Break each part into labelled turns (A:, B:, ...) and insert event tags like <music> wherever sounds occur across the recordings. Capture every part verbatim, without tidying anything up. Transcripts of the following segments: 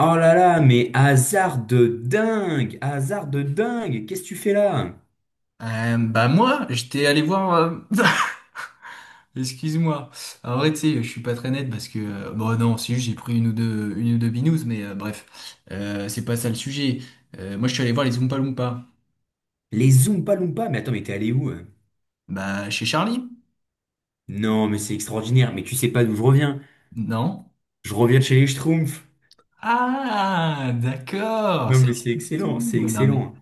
A: Oh là là, mais hasard de dingue! Hasard de dingue! Qu'est-ce que tu fais là?
B: Euh, bah moi, j'étais allé voir. euh, <laughs> Excuse-moi. En vrai, tu sais, je suis pas très net parce que euh, bon non, si j'ai pris une ou deux, une ou deux binous, mais euh, bref, euh, c'est pas ça le sujet. Euh, moi, je suis allé voir les Oompa Loompa.
A: Les Zoompa Loompa? Mais attends, mais t'es allé où? hein
B: Bah chez Charlie?
A: Non, mais c'est extraordinaire, mais tu sais pas d'où je reviens.
B: Non.
A: Je reviens de chez les Schtroumpfs.
B: Ah, d'accord,
A: Non,
B: ça
A: mais c'est
B: explique
A: excellent,
B: tout.
A: c'est
B: Ouais, non mais.
A: excellent.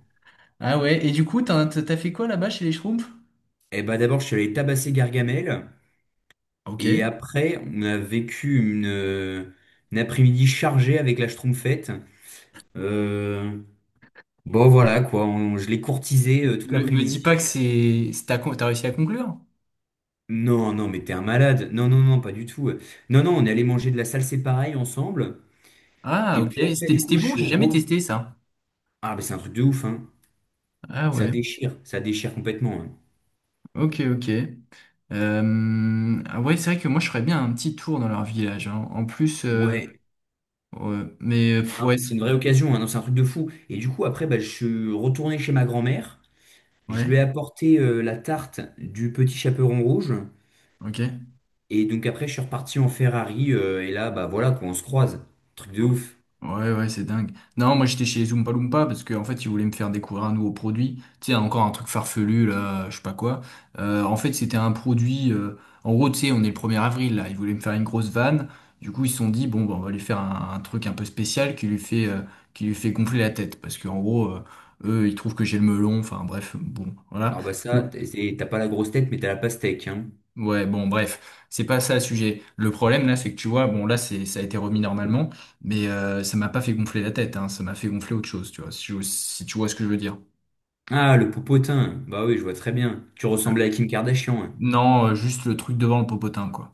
B: Ah ouais. Et du coup, t'as t'as fait quoi là-bas chez les Schtroumpfs?
A: Eh ben d'abord, je suis allé tabasser Gargamel, et
B: Ok.
A: après, on a vécu une, euh, une après-midi chargée avec la Schtroumpfette. Euh, bon voilà quoi, on- je l'ai courtisé euh, toute
B: Me, me
A: l'après-midi.
B: dis pas que c'est, c'est- t'as, con- t'as réussi à conclure?
A: Non, non, mais t'es un malade. Non, non, non, pas du tout. Non, non, on est allé manger de la salsa pareil ensemble.
B: Ah
A: Et
B: ok.
A: puis après,
B: C'était
A: du coup,
B: c'était
A: je
B: bon.
A: suis
B: J'ai jamais
A: re...
B: testé ça.
A: Ah, mais c'est un truc de ouf, hein.
B: Ah
A: Ça
B: ouais.
A: déchire, ça déchire complètement. hein.
B: Ok, ok. Euh, ah ouais, c'est vrai que moi, je ferais bien un petit tour dans leur village, hein. En plus, euh,
A: Ouais.
B: ouais, mais euh,
A: Non,
B: ouais,
A: mais c'est une vraie occasion, hein. Non, c'est un truc de fou. Et du coup, après, bah, je suis retourné chez ma grand-mère. Je
B: ouais,
A: lui ai apporté euh, la tarte du petit chaperon rouge.
B: ok.
A: Et donc après, je suis reparti en Ferrari. Euh, et là, bah voilà, quoi, on se croise. Truc de ouf.
B: Ouais, ouais, c'est dingue. Non, moi j'étais chez Zoompa Loompa parce qu'en fait ils voulaient me faire découvrir un nouveau produit. Tu sais, encore un truc farfelu, là, je sais pas quoi. Euh, en fait, c'était un produit. Euh, en gros, tu sais, on est le premier avril là. Ils voulaient me faire une grosse vanne. Du coup, ils se sont dit, bon, bah, on va lui faire un, un truc un peu spécial qui lui fait, euh, qui lui fait gonfler la tête. Parce qu'en gros, euh, eux, ils trouvent que j'ai le melon. Enfin, bref, bon, voilà.
A: Alors bah ça, t'es- t'as pas la grosse tête, mais t'as la pastèque, hein.
B: Ouais, bon, bref, c'est pas ça le sujet. Le problème là, c'est que tu vois, bon là, c'est ça a été remis normalement, mais euh, ça m'a pas fait gonfler la tête, hein, ça m'a fait gonfler autre chose, tu vois, si, tu si tu vois ce que je veux dire.
A: Ah, le popotin. Bah oui, je vois très bien. Tu ressemblais à Kim Kardashian. hein.
B: Non, euh, juste le truc devant le popotin, quoi.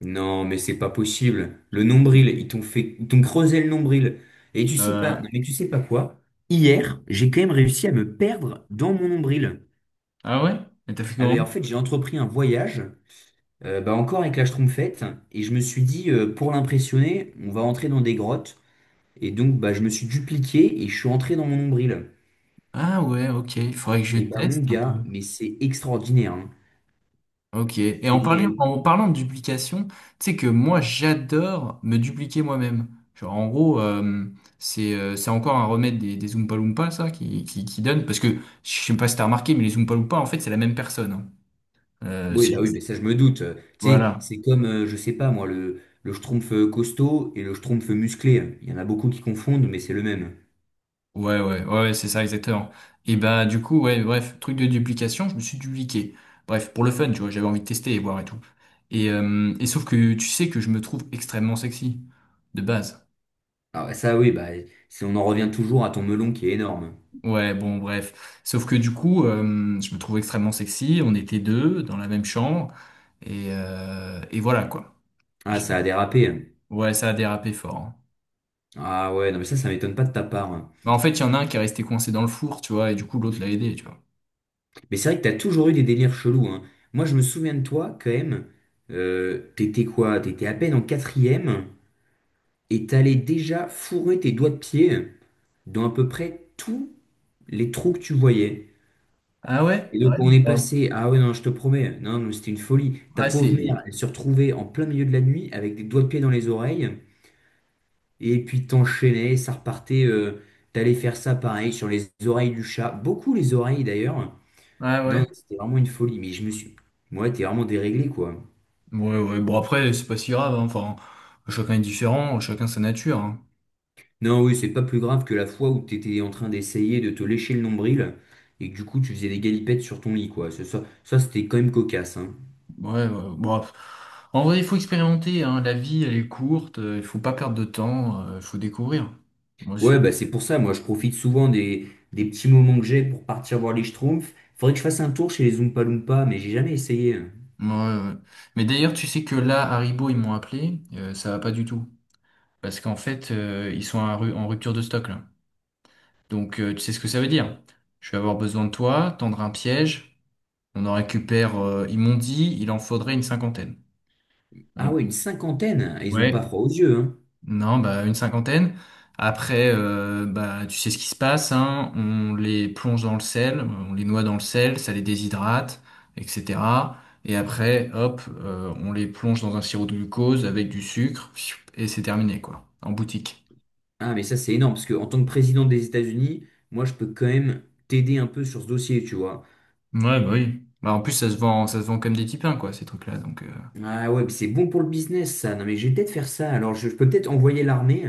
A: Non, mais c'est pas possible. Le nombril, ils t'ont fait, ils t'ont creusé le nombril. Et tu sais
B: Euh,
A: pas, non, mais tu sais pas quoi? Hier, j'ai quand même réussi à me perdre dans mon nombril.
B: ah ouais? Mais t'as fait
A: Ah
B: comment?
A: ben, en fait, j'ai entrepris un voyage, euh, bah encore avec la Schtroumpfette, et je me suis dit, euh, pour l'impressionner, on va entrer dans des grottes. Et donc, bah, je me suis dupliqué et je suis entré dans mon nombril.
B: Ah ouais, ok, il faudrait que je
A: Et bah, mon
B: teste un
A: gars,
B: peu.
A: mais c'est extraordinaire. hein.
B: Ok. Et en
A: C'est
B: parlant, en parlant de duplication, tu sais que moi j'adore me dupliquer moi-même. Genre en gros, euh, c'est euh, c'est encore un remède des, des Oompa Loompa, ça, qui, qui, qui donne. Parce que je sais pas si t'as remarqué, mais les Oompa Loompa, en fait, c'est la même personne, hein. Euh,
A: Oui,
B: c'est
A: bah oui,
B: juste-
A: mais ça je me doute. Euh, Tu sais,
B: Voilà.
A: c'est comme, euh, je sais pas moi, le, le schtroumpf euh, costaud et le schtroumpf musclé. Il y en a beaucoup qui confondent, mais c'est le même.
B: Ouais, ouais, ouais, ouais, c'est ça, exactement. Et bah du coup, ouais, bref, truc de duplication, je me suis dupliqué. Bref, pour le fun, tu vois, j'avais envie de tester et voir et tout. Et, euh, et sauf que tu sais que je me trouve extrêmement sexy, de base.
A: Ah bah ça oui, bah si on en revient toujours à ton melon qui est énorme.
B: Ouais, bon, bref. Sauf que du coup, euh, je me trouvais extrêmement sexy. On était deux dans la même chambre. Et, euh, et voilà, quoi.
A: Ah,
B: J'ai-
A: ça a dérapé.
B: Ouais, ça a dérapé fort, hein.
A: Ah ouais, non mais ça, ça m'étonne pas de ta part. hein.
B: Mais en fait, il y en a un qui est resté coincé dans le four, tu vois, et du coup, l'autre l'a aidé, tu vois.
A: Mais c'est vrai que t'as toujours eu des délires chelous, hein. Moi je me souviens de toi quand même. Euh, t'étais quoi? T'étais à peine en quatrième et t'allais déjà fourrer tes doigts de pied dans à peu près tous les trous que tu voyais.
B: Ah ouais?
A: Et
B: Ouais,
A: donc on est
B: bah,
A: passé, ah ouais non, je te promets, non, non, c'était une folie. Ta
B: ah,
A: pauvre mère,
B: c'est...
A: elle se retrouvait en plein milieu de la nuit avec des doigts de pied dans les oreilles, et puis t'enchaînais, ça repartait, euh, t'allais faire ça pareil sur les oreilles du chat, beaucoup les oreilles d'ailleurs.
B: Ah
A: Non, non,
B: ouais.
A: c'était vraiment une folie, mais je me suis, moi, t'es vraiment déréglé quoi.
B: Ouais, ouais. Bon, après, c'est pas si grave, hein. Enfin, chacun est différent, chacun sa nature, hein.
A: Non, oui, c'est pas plus grave que la fois où t'étais en train d'essayer de te lécher le nombril et que du coup tu faisais des galipettes sur ton lit quoi. Ça, ça, ça, c'était quand même cocasse, hein.
B: Ouais, ouais. Bon, en vrai, il faut expérimenter, hein. La vie, elle est courte, euh, il faut pas perdre de temps, euh, il faut découvrir. Moi, c'est...
A: Ouais, bah c'est pour ça, moi je profite souvent des, des petits moments que j'ai pour partir voir les Schtroumpfs. Faudrait que je fasse un tour chez les Oompa Loompa, mais j'ai jamais essayé.
B: Ouais, ouais, ouais. Mais d'ailleurs, tu sais que là, Haribo, ils m'ont appelé, euh, ça va pas du tout. Parce qu'en fait, euh, ils sont en ru- en rupture de stock là. Donc, euh, tu sais ce que ça veut dire. Je vais avoir besoin de toi, tendre un piège, on en récupère, euh, ils m'ont dit, il en faudrait une cinquantaine.
A: Ah
B: Donc,
A: ouais, une cinquantaine, ils ont pas
B: ouais.
A: froid aux yeux, hein.
B: Non, bah une cinquantaine. Après, euh, bah tu sais ce qui se passe, hein. On les plonge dans le sel, on les noie dans le sel, ça les déshydrate, et cetera. Et après, hop, euh, on les plonge dans un sirop de glucose avec du sucre, pfiou, et c'est terminé, quoi, en boutique.
A: Ah mais ça c'est énorme, parce que en tant que président des États-Unis, moi je peux quand même t'aider un peu sur ce dossier, tu vois.
B: Ouais, bah oui. Bah, en plus, ça se vend, ça se vend comme des tipins, quoi, ces trucs-là. Donc, euh,
A: Ah ouais, mais c'est bon pour le business ça, non mais je vais peut-être faire ça, alors je, je peux peut-être envoyer l'armée,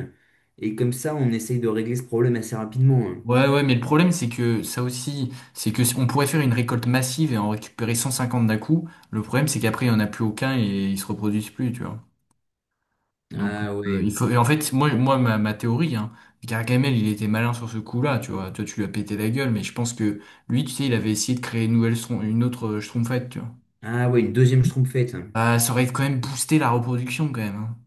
A: et comme ça on essaye de régler ce problème assez rapidement. hein.
B: ouais, ouais, mais le problème, c'est que ça aussi, c'est que on pourrait faire une récolte massive et en récupérer cent cinquante d'un coup. Le problème, c'est qu'après, il n'y en a plus aucun et ils se reproduisent plus, tu vois. Donc,
A: Ah
B: euh, il
A: ouais,
B: faut... Et en fait, moi, moi ma, ma théorie, hein, Gargamel, il était malin sur ce coup-là, tu vois. Toi, tu lui as pété la gueule, mais je pense que lui, tu sais, il avait essayé de créer une nouvelle, strom- une autre euh, Schtroumpfette, tu vois.
A: ah ouais, une deuxième Schtroumpfette. hein.
B: Ah, ça aurait quand même boosté la reproduction, quand même, hein.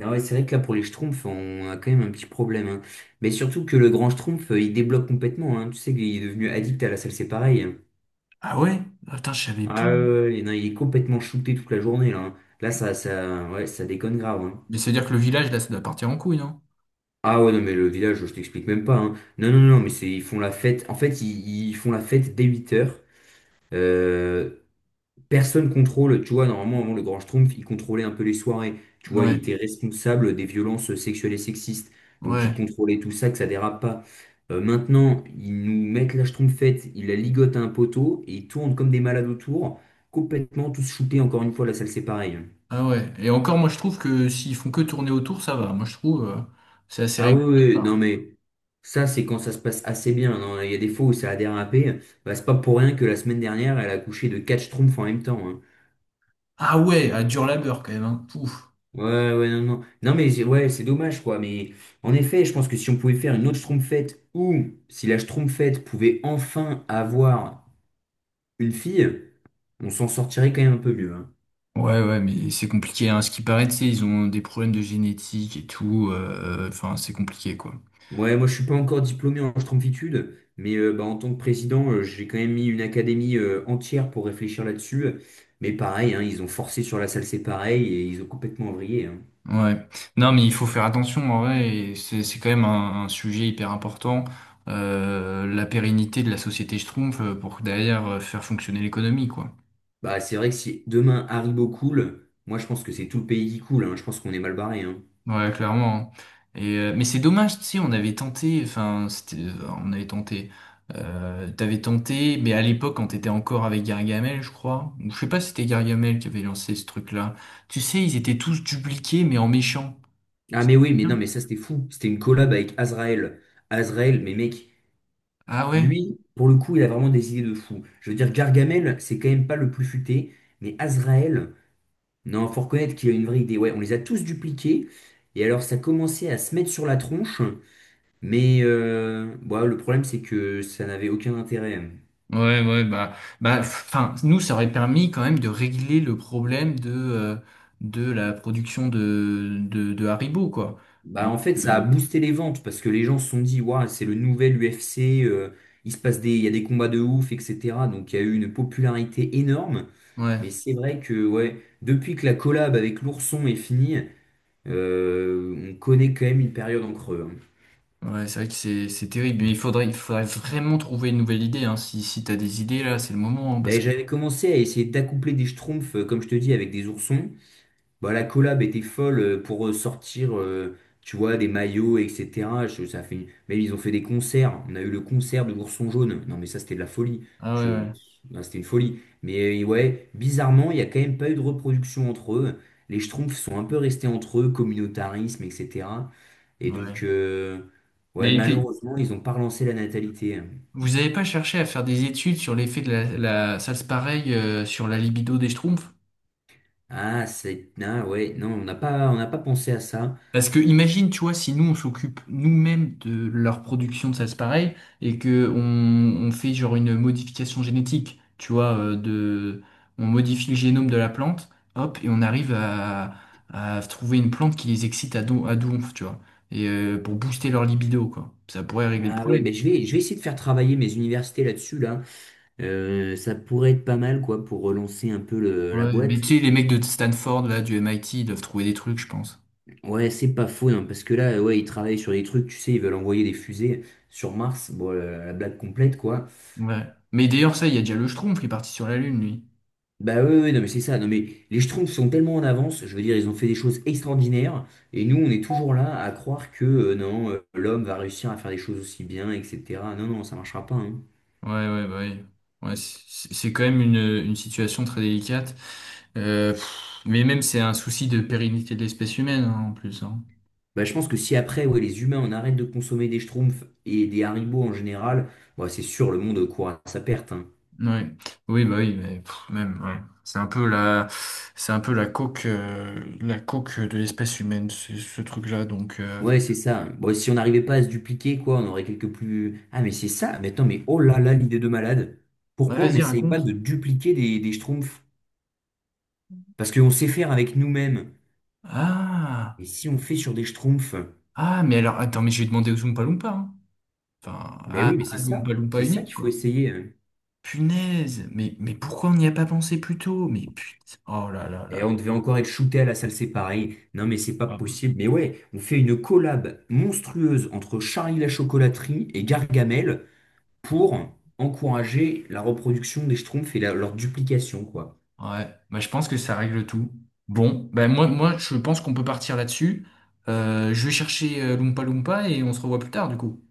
A: Ah ouais, c'est vrai que là, pour les Schtroumpfs, on a quand même un petit problème. hein. Mais surtout que le grand Schtroumpf, euh, il débloque complètement. hein. Tu sais qu'il est devenu addict à la salle, c'est pareil. hein.
B: Ah ouais? Ah, putain, je savais pas.
A: Ah ouais, ouais, ouais, ouais. non, il est complètement shooté toute la journée, là. hein. Là, ça, ça, ouais, ça déconne grave. hein.
B: Mais ça veut dire que le village, là, ça doit partir en couille, hein.
A: Ah ouais, non, mais le village, je t'explique même pas. hein. Non, non, non, mais c'est, ils font la fête. En fait, ils, ils font la fête dès huit heures euh, Personne contrôle, tu vois, normalement, avant le Grand Schtroumpf, il contrôlait un peu les soirées. Tu vois, il
B: Ouais,
A: était responsable des violences sexuelles et sexistes. Donc, il
B: ouais.
A: contrôlait tout ça, que ça dérape pas. Euh, maintenant, ils nous mettent la Schtroumpfette, ils la ligotent à un poteau et ils tournent comme des malades autour, complètement tous shootés. Encore une fois, la salle, c'est pareil.
B: Ah ouais. Et encore, moi, je trouve que s'ils font que tourner autour, ça va. Moi, je trouve, euh, c'est assez
A: Ah oui,
B: régulier.
A: oui, non, mais ça, c'est quand ça se passe assez bien. Non, il y a des fois où ça a dérapé. Bah, c'est pas pour rien que la semaine dernière, elle a couché de quatre Schtroumpfs en même temps. hein.
B: Ah ouais, à dur labeur, quand même, hein. Pouf.
A: Ouais, ouais, non, non. Non, mais j'ai- ouais, c'est dommage, quoi. Mais en effet, je pense que si on pouvait faire une autre Schtroumpfette ou si la Schtroumpfette pouvait enfin avoir une fille, on s'en sortirait quand même un peu mieux. hein.
B: Ouais, ouais, mais c'est compliqué, hein. Ce qui paraît, tu sais, ils ont des problèmes de génétique et tout. euh, euh, Enfin, c'est compliqué, quoi.
A: Ouais, moi, je suis pas encore diplômé en Schtroumpfitude, mais euh, bah, en tant que président, euh, j'ai quand même mis une académie euh, entière pour réfléchir là-dessus. Mais pareil, hein, ils ont forcé sur la salle, c'est pareil, et ils ont complètement vrillé. hein.
B: Ouais. Non, mais il faut faire attention, en vrai. Et C'est c'est quand même un, un sujet hyper important. Euh, la pérennité de la société schtroumpf euh, pour derrière euh, faire fonctionner l'économie, quoi.
A: Bah, c'est vrai que si demain Haribo coule, moi, je pense que c'est tout le pays qui coule. hein. Je pense qu'on est mal barré. hein.
B: Ouais, clairement, hein. Et, euh, mais c'est dommage, tu sais, on avait tenté, enfin, c'était, euh, on avait tenté, euh, t'avais tenté, mais à l'époque, quand t'étais encore avec Gargamel, je crois, ou je sais pas si c'était Gargamel qui avait lancé ce truc-là. Tu sais, ils étaient tous dupliqués, mais en méchant.
A: Ah
B: C'est
A: mais oui, mais non,
B: bien.
A: mais ça c'était fou. C'était une collab avec Azrael. Azrael, mais mec,
B: Ah ouais?
A: lui, pour le coup, il a vraiment des idées de fou. Je veux dire, Gargamel, c'est quand même pas le plus futé, mais Azrael, non, faut reconnaître qu'il a une vraie idée. Ouais, on les a tous dupliqués, et alors ça commençait à se mettre sur la tronche, mais euh, bah, le problème c'est que ça n'avait aucun intérêt.
B: Ouais, ouais, bah, bah, enfin, nous, ça aurait permis quand même de régler le problème de, euh, de la production de, de, de Haribo, quoi.
A: Bah
B: Donc,
A: en fait, ça a
B: euh,
A: boosté les ventes, parce que les gens se sont dit, waouh, c'est le nouvel U F C, euh, il se passe des, il y a des combats de ouf, et cetera. Donc il y a eu une popularité énorme. Mais
B: ouais.
A: c'est vrai que ouais, depuis que la collab avec l'ourson est finie, euh, on connaît quand même une période en creux. hein.
B: Ouais, c'est vrai que c'est c'est terrible, mais il faudrait, il faudrait vraiment trouver une nouvelle idée, hein. Si, si t'as des idées, là, c'est le moment, hein, parce
A: Ben,
B: que...
A: j'avais commencé à essayer d'accoupler des schtroumpfs, euh, comme je te dis, avec des oursons. Bah, la collab était folle euh, pour euh, sortir, euh, tu vois, des maillots, et cetera. Je- ça fait... une- Même ils ont fait des concerts. On a eu le concert de l'Ourson Jaune. Non, mais ça, c'était de la folie.
B: Ah
A: Je...
B: ouais,
A: Bah, c'était une folie. Mais euh, ouais, bizarrement, il n'y a quand même pas eu de reproduction entre eux. Les Schtroumpfs sont un peu restés entre eux, communautarisme, et cetera.
B: ouais.
A: Et
B: Ouais.
A: donc, euh, ouais,
B: Mais t'es-
A: malheureusement, ils n'ont pas relancé la natalité.
B: Vous avez pas cherché à faire des études sur l'effet de la, la... Ça se pareil euh, sur la libido des schtroumpfs?
A: Ah, c'est... Ah, ouais, non, on n'a pas, on n'a pas pensé à ça.
B: Parce que imagine, tu vois, si nous on s'occupe nous-mêmes de leur production de salse pareille et que on, on fait genre une modification génétique, tu vois, euh, de, on modifie le génome de la plante, hop, et on arrive à, à trouver une plante qui les excite à, don, à donf, tu vois, et euh, pour booster leur libido, quoi. Ça pourrait régler le
A: Ah ouais,
B: problème.
A: mais je vais, je vais essayer de faire travailler mes universités là-dessus, là. Euh, ça pourrait être pas mal quoi pour relancer un peu le- la
B: Ouais,
A: boîte.
B: mais tu sais, les mecs de Stanford, là, du M I T, ils doivent trouver des trucs, je pense.
A: Ouais, c'est pas faux hein, parce que là, euh, ouais, ils travaillent sur des trucs, tu sais, ils veulent envoyer des fusées sur Mars. Bon, euh, la, blague complète quoi.
B: Ouais. Mais d'ailleurs, ça, il y a déjà le Schtroumpf qui est parti sur la Lune, lui.
A: Bah ouais, ouais, non mais c'est ça. Non mais les Schtroumpfs sont tellement en avance. Je veux dire, ils ont fait des choses extraordinaires et nous, on est toujours là à croire que euh, non, euh, l'homme va réussir à faire des choses aussi bien, et cetera. Non non, ça marchera pas. hein.
B: Ouais, ouais, bah oui. Ouais, c'est c'est- c'est quand même une, une situation très délicate. Euh, pff, mais même, c'est un souci de pérennité de l'espèce humaine, hein, en plus, hein.
A: Bah, je pense que si après, ouais, les humains, on arrête de consommer des Schtroumpfs et des Haribo en général, ouais, c'est sûr, le monde court à sa perte. hein.
B: Ouais. Oui, bah oui, mais pff, même, ouais. C'est un peu la, c'est un peu la coque, euh, la coque de l'espèce humaine, ce, ce truc-là. Donc, euh...
A: Ouais, c'est ça. Bon, si on n'arrivait pas à se dupliquer, quoi, on aurait quelques plus. Ah, mais c'est ça. Mais attends, mais oh là là, l'idée de malade.
B: Bah,
A: Pourquoi on
B: vas-y,
A: n'essaye pas
B: raconte.
A: de dupliquer des, des schtroumpfs? Parce qu'on sait faire avec nous-mêmes.
B: Ah,
A: Et si on fait sur des schtroumpfs,
B: ah, mais alors, attends, mais j'ai demandé aux Oompa Loompa, hein. Enfin,
A: ben
B: à,
A: oui, mais c'est
B: à
A: ça.
B: l'Oompa Loompa
A: C'est ça
B: unique,
A: qu'il faut
B: quoi.
A: essayer. hein.
B: Punaise, mais, mais pourquoi on n'y a pas pensé plus tôt? Mais putain, oh là là
A: Et
B: là.
A: on devait encore être shooté à la salle séparée. Non, mais c'est pas possible. Mais ouais, on fait une collab monstrueuse entre Charlie la chocolaterie et Gargamel pour encourager la reproduction des schtroumpfs et la- leur duplication, quoi.
B: Ouais, bah, je pense que ça règle tout. Bon, ben moi, moi je pense qu'on peut partir là-dessus. Euh, je vais chercher euh, Loompa Loompa et on se revoit plus tard du coup.